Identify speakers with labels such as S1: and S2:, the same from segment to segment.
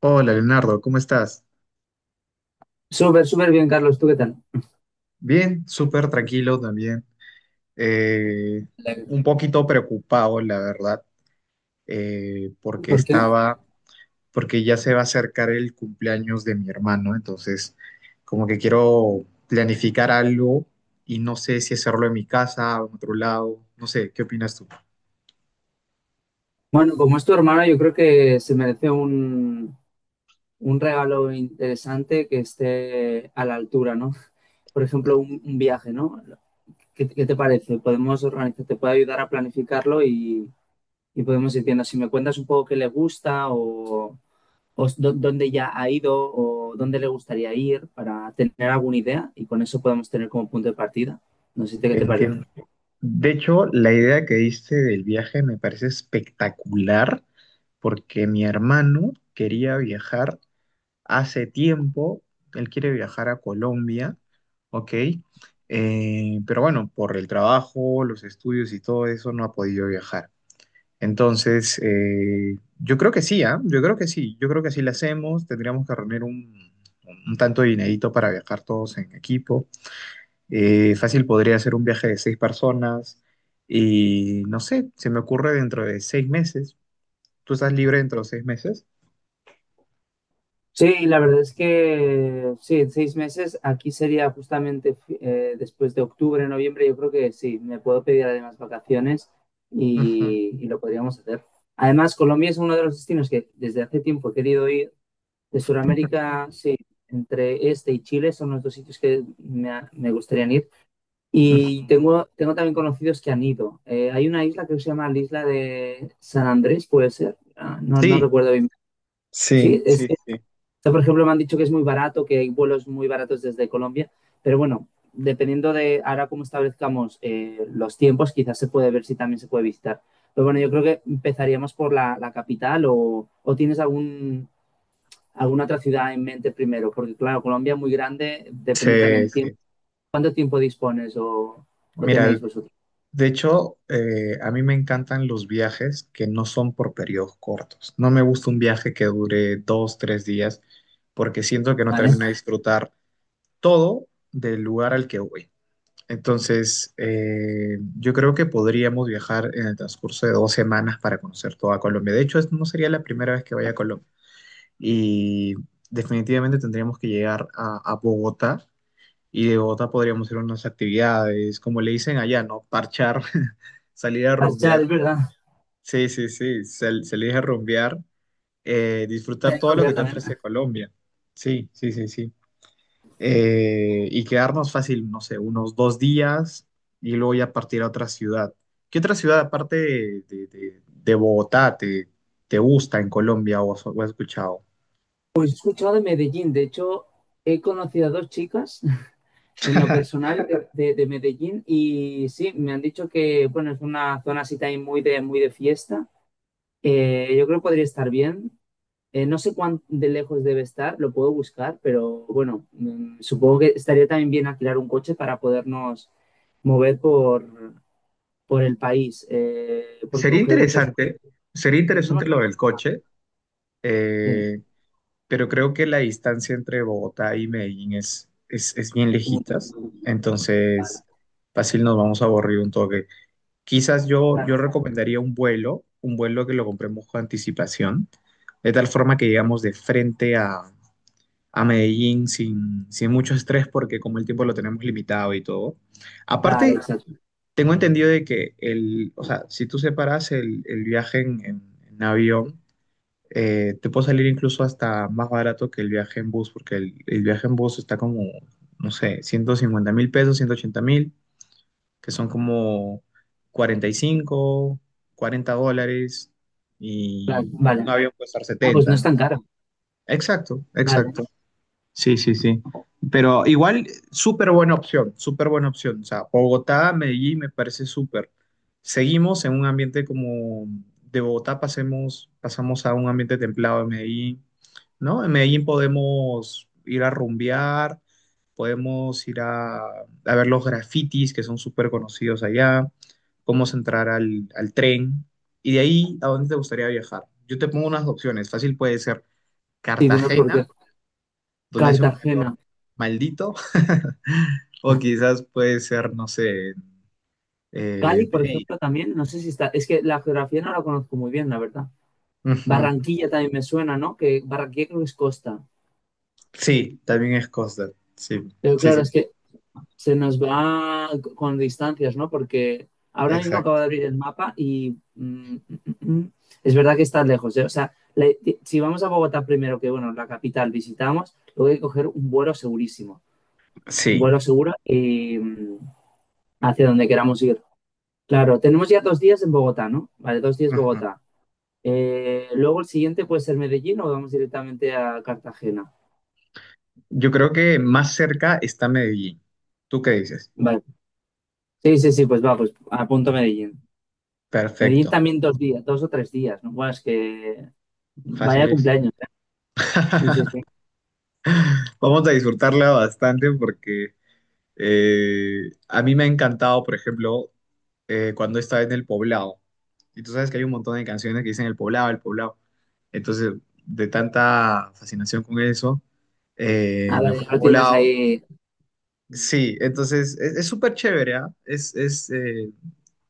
S1: Hola Leonardo, ¿cómo estás?
S2: Súper, súper bien, Carlos. ¿Tú qué tal?
S1: Bien, súper tranquilo también. Eh,
S2: Me
S1: un poquito preocupado, la verdad, eh, porque
S2: ¿Por qué?
S1: estaba, porque ya se va a acercar el cumpleaños de mi hermano, entonces como que quiero planificar algo y no sé si hacerlo en mi casa o en otro lado, no sé, ¿qué opinas tú?
S2: Bueno, como es tu hermano, yo creo que se merece un regalo interesante que esté a la altura, ¿no? Por ejemplo, un viaje, ¿no? ¿Qué te parece? Podemos organizar, te puede ayudar a planificarlo y podemos ir viendo si me cuentas un poco qué le gusta o dónde ya ha ido o dónde le gustaría ir para tener alguna idea y con eso podemos tener como punto de partida. No sé qué te parece.
S1: Entiendo. De hecho, la idea que diste del viaje me parece espectacular porque mi hermano quería viajar hace tiempo, él quiere viajar a Colombia, ¿ok? Pero bueno, por el trabajo, los estudios y todo eso no ha podido viajar. Entonces, yo creo que sí, ¿ah? Yo creo que sí, yo creo que sí lo hacemos, tendríamos que reunir un tanto de dinerito para viajar todos en equipo. Fácil podría ser un viaje de seis personas y no sé, se me ocurre dentro de 6 meses. ¿Tú estás libre dentro de 6 meses?
S2: Sí, la verdad es que sí, 6 meses. Aquí sería justamente después de octubre, noviembre. Yo creo que sí, me puedo pedir además vacaciones
S1: Ujú,
S2: y lo podríamos hacer. Además, Colombia es uno de los destinos que desde hace tiempo he querido ir. De Sudamérica, sí, entre este y Chile son los dos sitios que me gustaría ir.
S1: ujú.
S2: Y tengo también conocidos que han ido. Hay una isla que se llama la isla de San Andrés, puede ser. Ah, no, no
S1: Sí,
S2: recuerdo bien.
S1: sí,
S2: Sí,
S1: sí,
S2: o
S1: sí.
S2: sea, por ejemplo, me han dicho que es muy barato, que hay vuelos muy baratos desde Colombia, pero bueno, dependiendo de ahora cómo establezcamos los tiempos, quizás se puede ver si también se puede visitar. Pero bueno, yo creo que empezaríamos por la capital o tienes alguna otra ciudad en mente primero, porque claro, Colombia es muy grande, depende también
S1: Sí,
S2: del tiempo.
S1: sí.
S2: ¿Cuánto tiempo dispones o tenéis
S1: Mira,
S2: vosotros?
S1: de hecho, a mí me encantan los viajes que no son por periodos cortos. No me gusta un viaje que dure 2, 3 días, porque siento que no
S2: Vale.
S1: termino de disfrutar todo del lugar al que voy. Entonces, yo creo que podríamos viajar en el transcurso de 2 semanas para conocer toda Colombia. De hecho, no sería la primera vez que vaya a Colombia. Y definitivamente tendríamos que llegar a Bogotá. Y de Bogotá podríamos ir a unas actividades, como le dicen allá, ¿no? Parchar, salir a
S2: Marchar,
S1: rumbear.
S2: es verdad.
S1: Sí, sí, sí, salir a rumbear, disfrutar todo lo que te ofrece Colombia. Sí, sí, sí, sí. Y quedarnos fácil, no sé, unos 2 días y luego ya partir a otra ciudad. ¿Qué otra ciudad aparte de Bogotá te gusta en Colombia o has escuchado?
S2: He escuchado de Medellín, de hecho, he conocido a dos chicas en lo personal de Medellín y sí, me han dicho que bueno, es una zona así también muy de fiesta. Yo creo que podría estar bien. No sé cuán de lejos debe estar, lo puedo buscar, pero bueno, supongo que estaría también bien alquilar un coche para podernos mover por el país, porque
S1: Sería
S2: coger muchos...
S1: interesante, sería
S2: no-
S1: interesante lo del coche.
S2: sí.
S1: Eh, pero creo que la distancia entre Bogotá y Medellín es bien lejitas,
S2: Vale,
S1: entonces fácil nos vamos a aburrir un toque. Quizás yo
S2: claro,
S1: recomendaría un vuelo que lo compremos con anticipación, de tal forma que llegamos de frente a Medellín sin mucho estrés, porque como el tiempo lo tenemos limitado y todo.
S2: claro,
S1: Aparte,
S2: exacto.
S1: tengo entendido de que o sea, si tú separas el viaje en avión, te puede salir incluso hasta más barato que el viaje en bus, porque el viaje en bus está como, no sé, 150.000 pesos, 180.000, que son como 45 40 dólares, y
S2: Claro, vale.
S1: un avión puede estar
S2: Ah, pues no
S1: 70,
S2: es
S1: ¿no?
S2: tan caro.
S1: Exacto,
S2: Vale.
S1: exacto. Sí, sí, sí. Pero igual, súper buena opción, súper buena opción. O sea, Bogotá, Medellín me parece súper. Seguimos en un ambiente como de Bogotá, pasemos, pasamos a un ambiente templado de Medellín, ¿no? En Medellín podemos ir a rumbear, podemos ir a ver los grafitis que son súper conocidos allá, podemos entrar al tren. Y de ahí, ¿a dónde te gustaría viajar? Yo te pongo unas opciones. Fácil puede ser
S2: Sí, dime por
S1: Cartagena
S2: qué.
S1: donde hace un
S2: Cartagena.
S1: calor maldito, o quizás puede ser, no sé,
S2: Cali, por
S1: Pereira.
S2: ejemplo, también, no sé si está, es que la geografía no la conozco muy bien, la verdad.
S1: Ujú.
S2: Barranquilla también me suena, ¿no? Que Barranquilla creo que es costa.
S1: Sí, también es Costa. Sí,
S2: Pero
S1: sí,
S2: claro,
S1: sí,
S2: es
S1: sí,
S2: que se nos va con distancias, ¿no? Porque ahora mismo acabo
S1: exacto.
S2: de abrir el mapa y mm, es verdad que está lejos, ¿eh? O sea, si vamos a Bogotá primero, que bueno, la capital visitamos, luego hay que coger un vuelo segurísimo. Un
S1: Sí.
S2: vuelo seguro y hacia donde queramos ir. Claro, tenemos ya 2 días en Bogotá, ¿no? Vale, 2 días
S1: Ujú.
S2: Bogotá. Luego el siguiente puede ser Medellín o vamos directamente a Cartagena.
S1: Yo creo que más cerca está Medellín. ¿Tú qué dices?
S2: Vale. Sí, sí, sí, pues va, pues apunto Medellín. Medellín
S1: Perfecto,
S2: también 2 días, 2 o 3 días, ¿no? Bueno, es que
S1: fácil
S2: vaya
S1: es.
S2: cumpleaños, ¿eh? Sí, sí, sí.
S1: Vamos a disfrutarla bastante porque a mí me ha encantado, por ejemplo, cuando estaba en El Poblado. Y tú sabes que hay un montón de canciones que dicen El Poblado, El Poblado. Entonces, de tanta fascinación con eso,
S2: Ah,
S1: me
S2: vale,
S1: fui al
S2: ya lo tienes
S1: Poblado.
S2: ahí.
S1: Sí, entonces es súper chévere, ¿ah? Es, es, eh,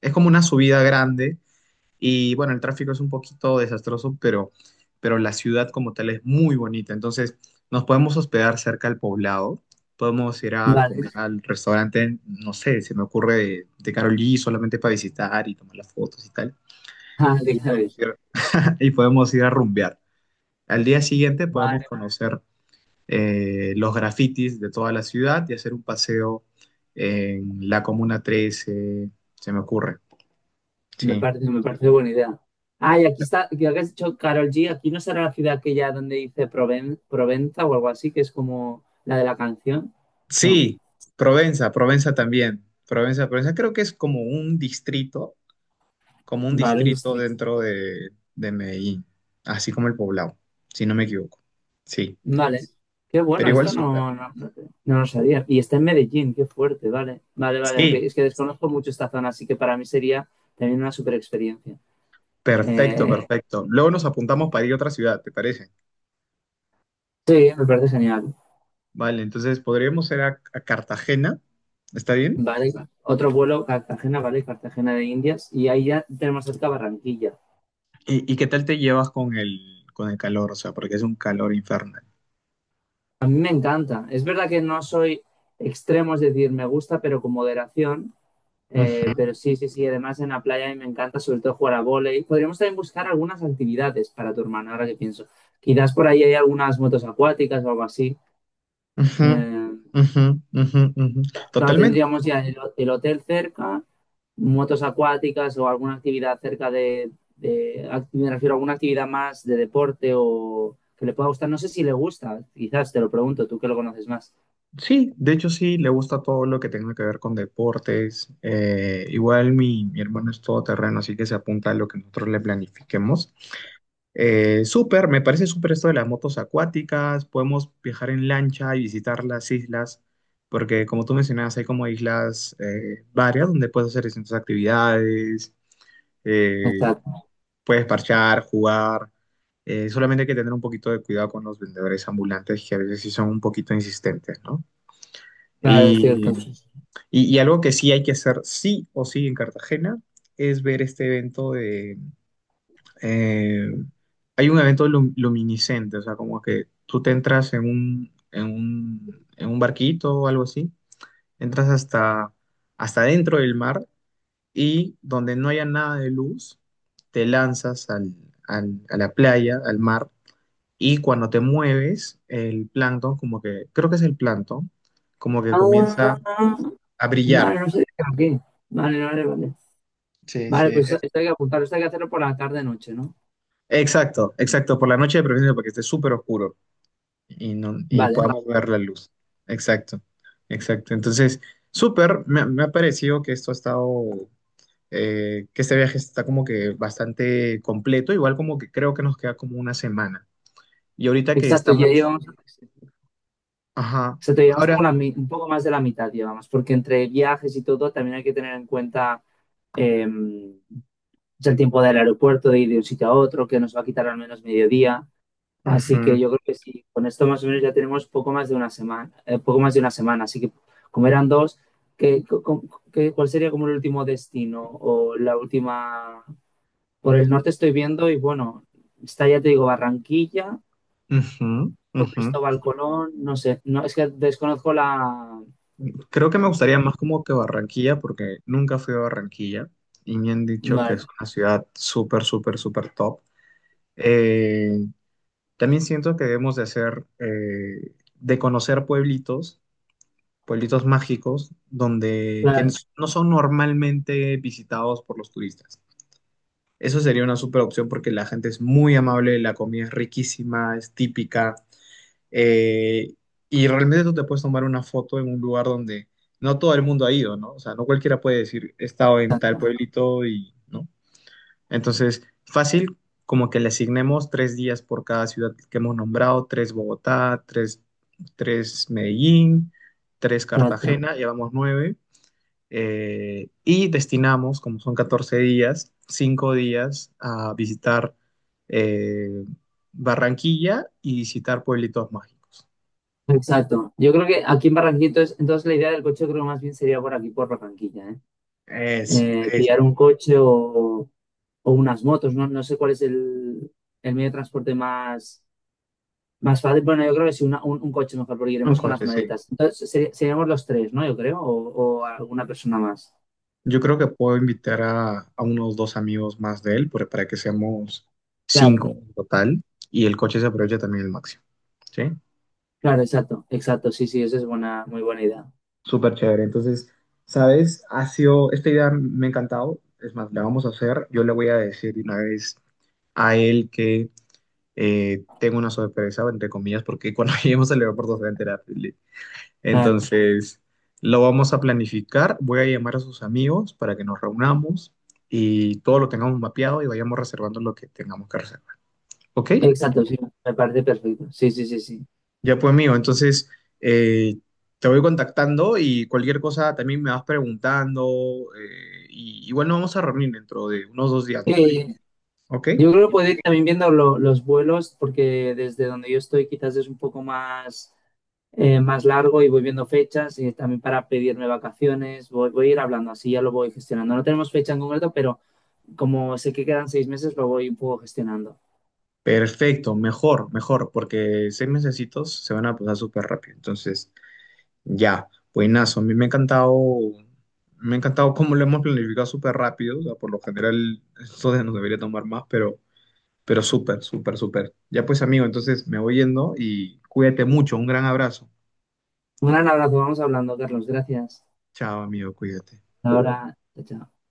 S1: es como una subida grande y bueno, el tráfico es un poquito desastroso, pero la ciudad como tal es muy bonita. Entonces, nos podemos hospedar cerca al poblado. Podemos ir a
S2: Vale.
S1: comer al restaurante, no sé, se me ocurre de Carolí solamente para visitar y tomar las fotos y tal.
S2: Ah,
S1: Y
S2: déjame.
S1: podemos ir, y podemos ir a rumbear. Al día siguiente
S2: Vale,
S1: podemos conocer los grafitis de toda la ciudad y hacer un paseo en la Comuna 13, se me ocurre.
S2: me
S1: Sí.
S2: parece, me parece buena idea. Ah, y aquí está, que has dicho Carol G, aquí no será la ciudad aquella donde dice Provenza o algo así, que es como la de la canción. No,
S1: Sí, Provenza, Provenza también. Provenza, Provenza creo que es como un
S2: vale, un
S1: distrito
S2: distrito.
S1: dentro de Medellín, así como el Poblado, si no me equivoco. Sí,
S2: Vale, qué
S1: pero
S2: bueno,
S1: igual
S2: esto
S1: súper.
S2: no lo sabía. Y está en Medellín, qué fuerte, vale. Vale, vale, ok.
S1: Sí,
S2: Es que desconozco mucho esta zona, así que para mí sería también una super experiencia.
S1: perfecto,
S2: Eh,
S1: perfecto. Luego nos apuntamos para ir a otra ciudad, ¿te parece?
S2: sí, me parece genial.
S1: Vale, entonces podríamos ir a Cartagena, ¿está bien?
S2: Vale, otro vuelo, Cartagena, vale, Cartagena de Indias. Y ahí ya tenemos cerca Barranquilla.
S1: Y qué tal te llevas con el calor? O sea, porque es un calor infernal.
S2: A mí me encanta. Es verdad que no soy extremo, es decir, me gusta, pero con moderación.
S1: Ujú,
S2: Pero sí, sí, sí, además en la playa a mí me encanta sobre todo jugar a vóley. Podríamos también buscar algunas actividades para tu hermano, ahora que pienso. Quizás por ahí hay algunas motos acuáticas o algo así.
S1: ujú,
S2: Eh,
S1: ujú, ujú, ujú.
S2: claro,
S1: Totalmente.
S2: tendríamos ya el hotel cerca, motos acuáticas o alguna actividad cerca me refiero a alguna actividad más de deporte o que le pueda gustar. No sé si le gusta, quizás te lo pregunto, tú que lo conoces más.
S1: Sí, de hecho sí, le gusta todo lo que tenga que ver con deportes. Igual mi hermano es todoterreno, así que se apunta a lo que nosotros le planifiquemos. Súper, me parece súper esto de las motos acuáticas. Podemos viajar en lancha y visitar las islas, porque como tú mencionabas, hay como islas varias donde puedes hacer distintas actividades, eh,
S2: Exacto.
S1: puedes parchar, jugar. Solamente hay que tener un poquito de cuidado con los vendedores ambulantes que a veces sí son un poquito insistentes, ¿no?
S2: Claro, estoy al
S1: Y
S2: caso.
S1: y algo que sí hay que hacer sí o sí en Cartagena es ver este evento de, eh, hay un evento luminiscente, o sea, como que tú te entras en un barquito o algo así, entras hasta dentro del mar y donde no haya nada de luz, te lanzas a la playa, al mar, y cuando te mueves, el plancton, como que, creo que es el plancton, como que
S2: Ah,
S1: comienza a brillar.
S2: vale, no sé. De qué Vale, vale, vale.
S1: Sí,
S2: Vale,
S1: sí.
S2: pues esto hay que apuntar, esto hay que hacerlo por la tarde-noche, ¿no?
S1: Exacto, exacto, por la noche de preferencia para que esté súper oscuro y, no, y
S2: Vale,
S1: podamos ver la luz. Exacto, exacto. Entonces, súper, me ha parecido que esto ha estado, que este viaje está como que bastante completo, igual como que creo que nos queda como una semana. Y ahorita que
S2: exacto,
S1: estamos, ajá,
S2: exacto, llevamos
S1: ahora,
S2: como un poco más de la mitad, llevamos, porque entre viajes y todo también hay que tener en cuenta em, es el tiempo del aeropuerto, de ir de un sitio a otro, que nos va a quitar al menos mediodía. Así que
S1: ujú,
S2: yo creo que sí, con esto más o menos ya tenemos poco más de una semana, poco más de una semana. Así que como eran dos, ¿qué, co- co- qué- cuál sería como el último destino o la última? Por el norte estoy viendo y bueno, está ya te digo Barranquilla
S1: ujú,
S2: o
S1: ujú.
S2: Cristóbal Colón, no sé, no es que desconozco la...
S1: Creo que me gustaría más como que Barranquilla, porque nunca fui a Barranquilla y me han dicho que es
S2: Vale,
S1: una ciudad súper, súper, súper top. Eh, También siento que debemos de hacer, de conocer pueblitos, pueblitos mágicos, donde que
S2: claro,
S1: no son normalmente visitados por los turistas. Eso sería una super opción porque la gente es muy amable, la comida es riquísima, es típica, eh, y realmente tú te puedes tomar una foto en un lugar donde no todo el mundo ha ido, ¿no? O sea, no cualquiera puede decir, he estado en tal
S2: exacto,
S1: pueblito y, ¿no? Entonces, fácil, como que le asignemos 3 días por cada ciudad que hemos nombrado, tres Bogotá, tres Medellín, tres
S2: exacto.
S1: Cartagena, llevamos nueve, y destinamos, como son 14 días, 5 días a visitar eh, Barranquilla y visitar pueblitos mágicos.
S2: Exacto. Yo creo que aquí en Barranquilla, entonces, la idea del coche creo que más bien sería por aquí, por Barranquilla, ¿eh?
S1: Eso, eso.
S2: Pillar un coche o unas motos, ¿no? No sé cuál es el medio de transporte más fácil. Bueno, yo creo que sí, un coche mejor, porque
S1: Un
S2: iremos con las
S1: coche, sí.
S2: maletas. Entonces, seríamos los tres, ¿no? Yo creo, o alguna persona más.
S1: Yo creo que puedo invitar a unos dos amigos más de él para que seamos cinco en total y el coche se aproveche también el máximo. ¿Sí?
S2: Claro, exacto, exacto, sí, sí, esa es buena, muy buena idea.
S1: Súper chévere. Entonces, ¿sabes? Ha sido, esta idea me ha encantado. Es más, la vamos a hacer. Yo le voy a decir de una vez a él que tengo una sorpresa, entre comillas, porque cuando lleguemos al aeropuerto se va a enterar.
S2: Claro,
S1: Entonces, lo vamos a planificar. Voy a llamar a sus amigos para que nos reunamos y todo lo tengamos mapeado y vayamos reservando lo que tengamos que reservar. ¿Ok?
S2: exacto, sí, me parece perfecto. Sí, sí, sí, sí.
S1: Ya pues, amigo. Entonces, eh, te voy contactando y cualquier cosa también me vas preguntando. Y igual nos vamos a reunir dentro de unos 2 días, me
S2: Eh,
S1: imagino. ¿Ok?
S2: yo creo que puede ir también viendo los vuelos, porque desde donde yo estoy quizás es un poco más largo y voy viendo fechas y también para pedirme vacaciones, voy a ir hablando así, ya lo voy gestionando. No tenemos fecha en concreto, pero como sé que quedan 6 meses, lo voy un poco gestionando.
S1: Perfecto, mejor, mejor, porque 6 mesecitos se van a pasar súper rápido. Entonces, ya, buenazo. A mí me ha encantado cómo lo hemos planificado súper rápido. O sea, por lo general, esto nos debería tomar más, pero súper, súper, súper. Ya pues, amigo, entonces me voy yendo y cuídate mucho. Un gran abrazo.
S2: Un gran abrazo, vamos hablando, Carlos, gracias.
S1: Chao, amigo, cuídate.
S2: Hasta ahora, chao. Chao.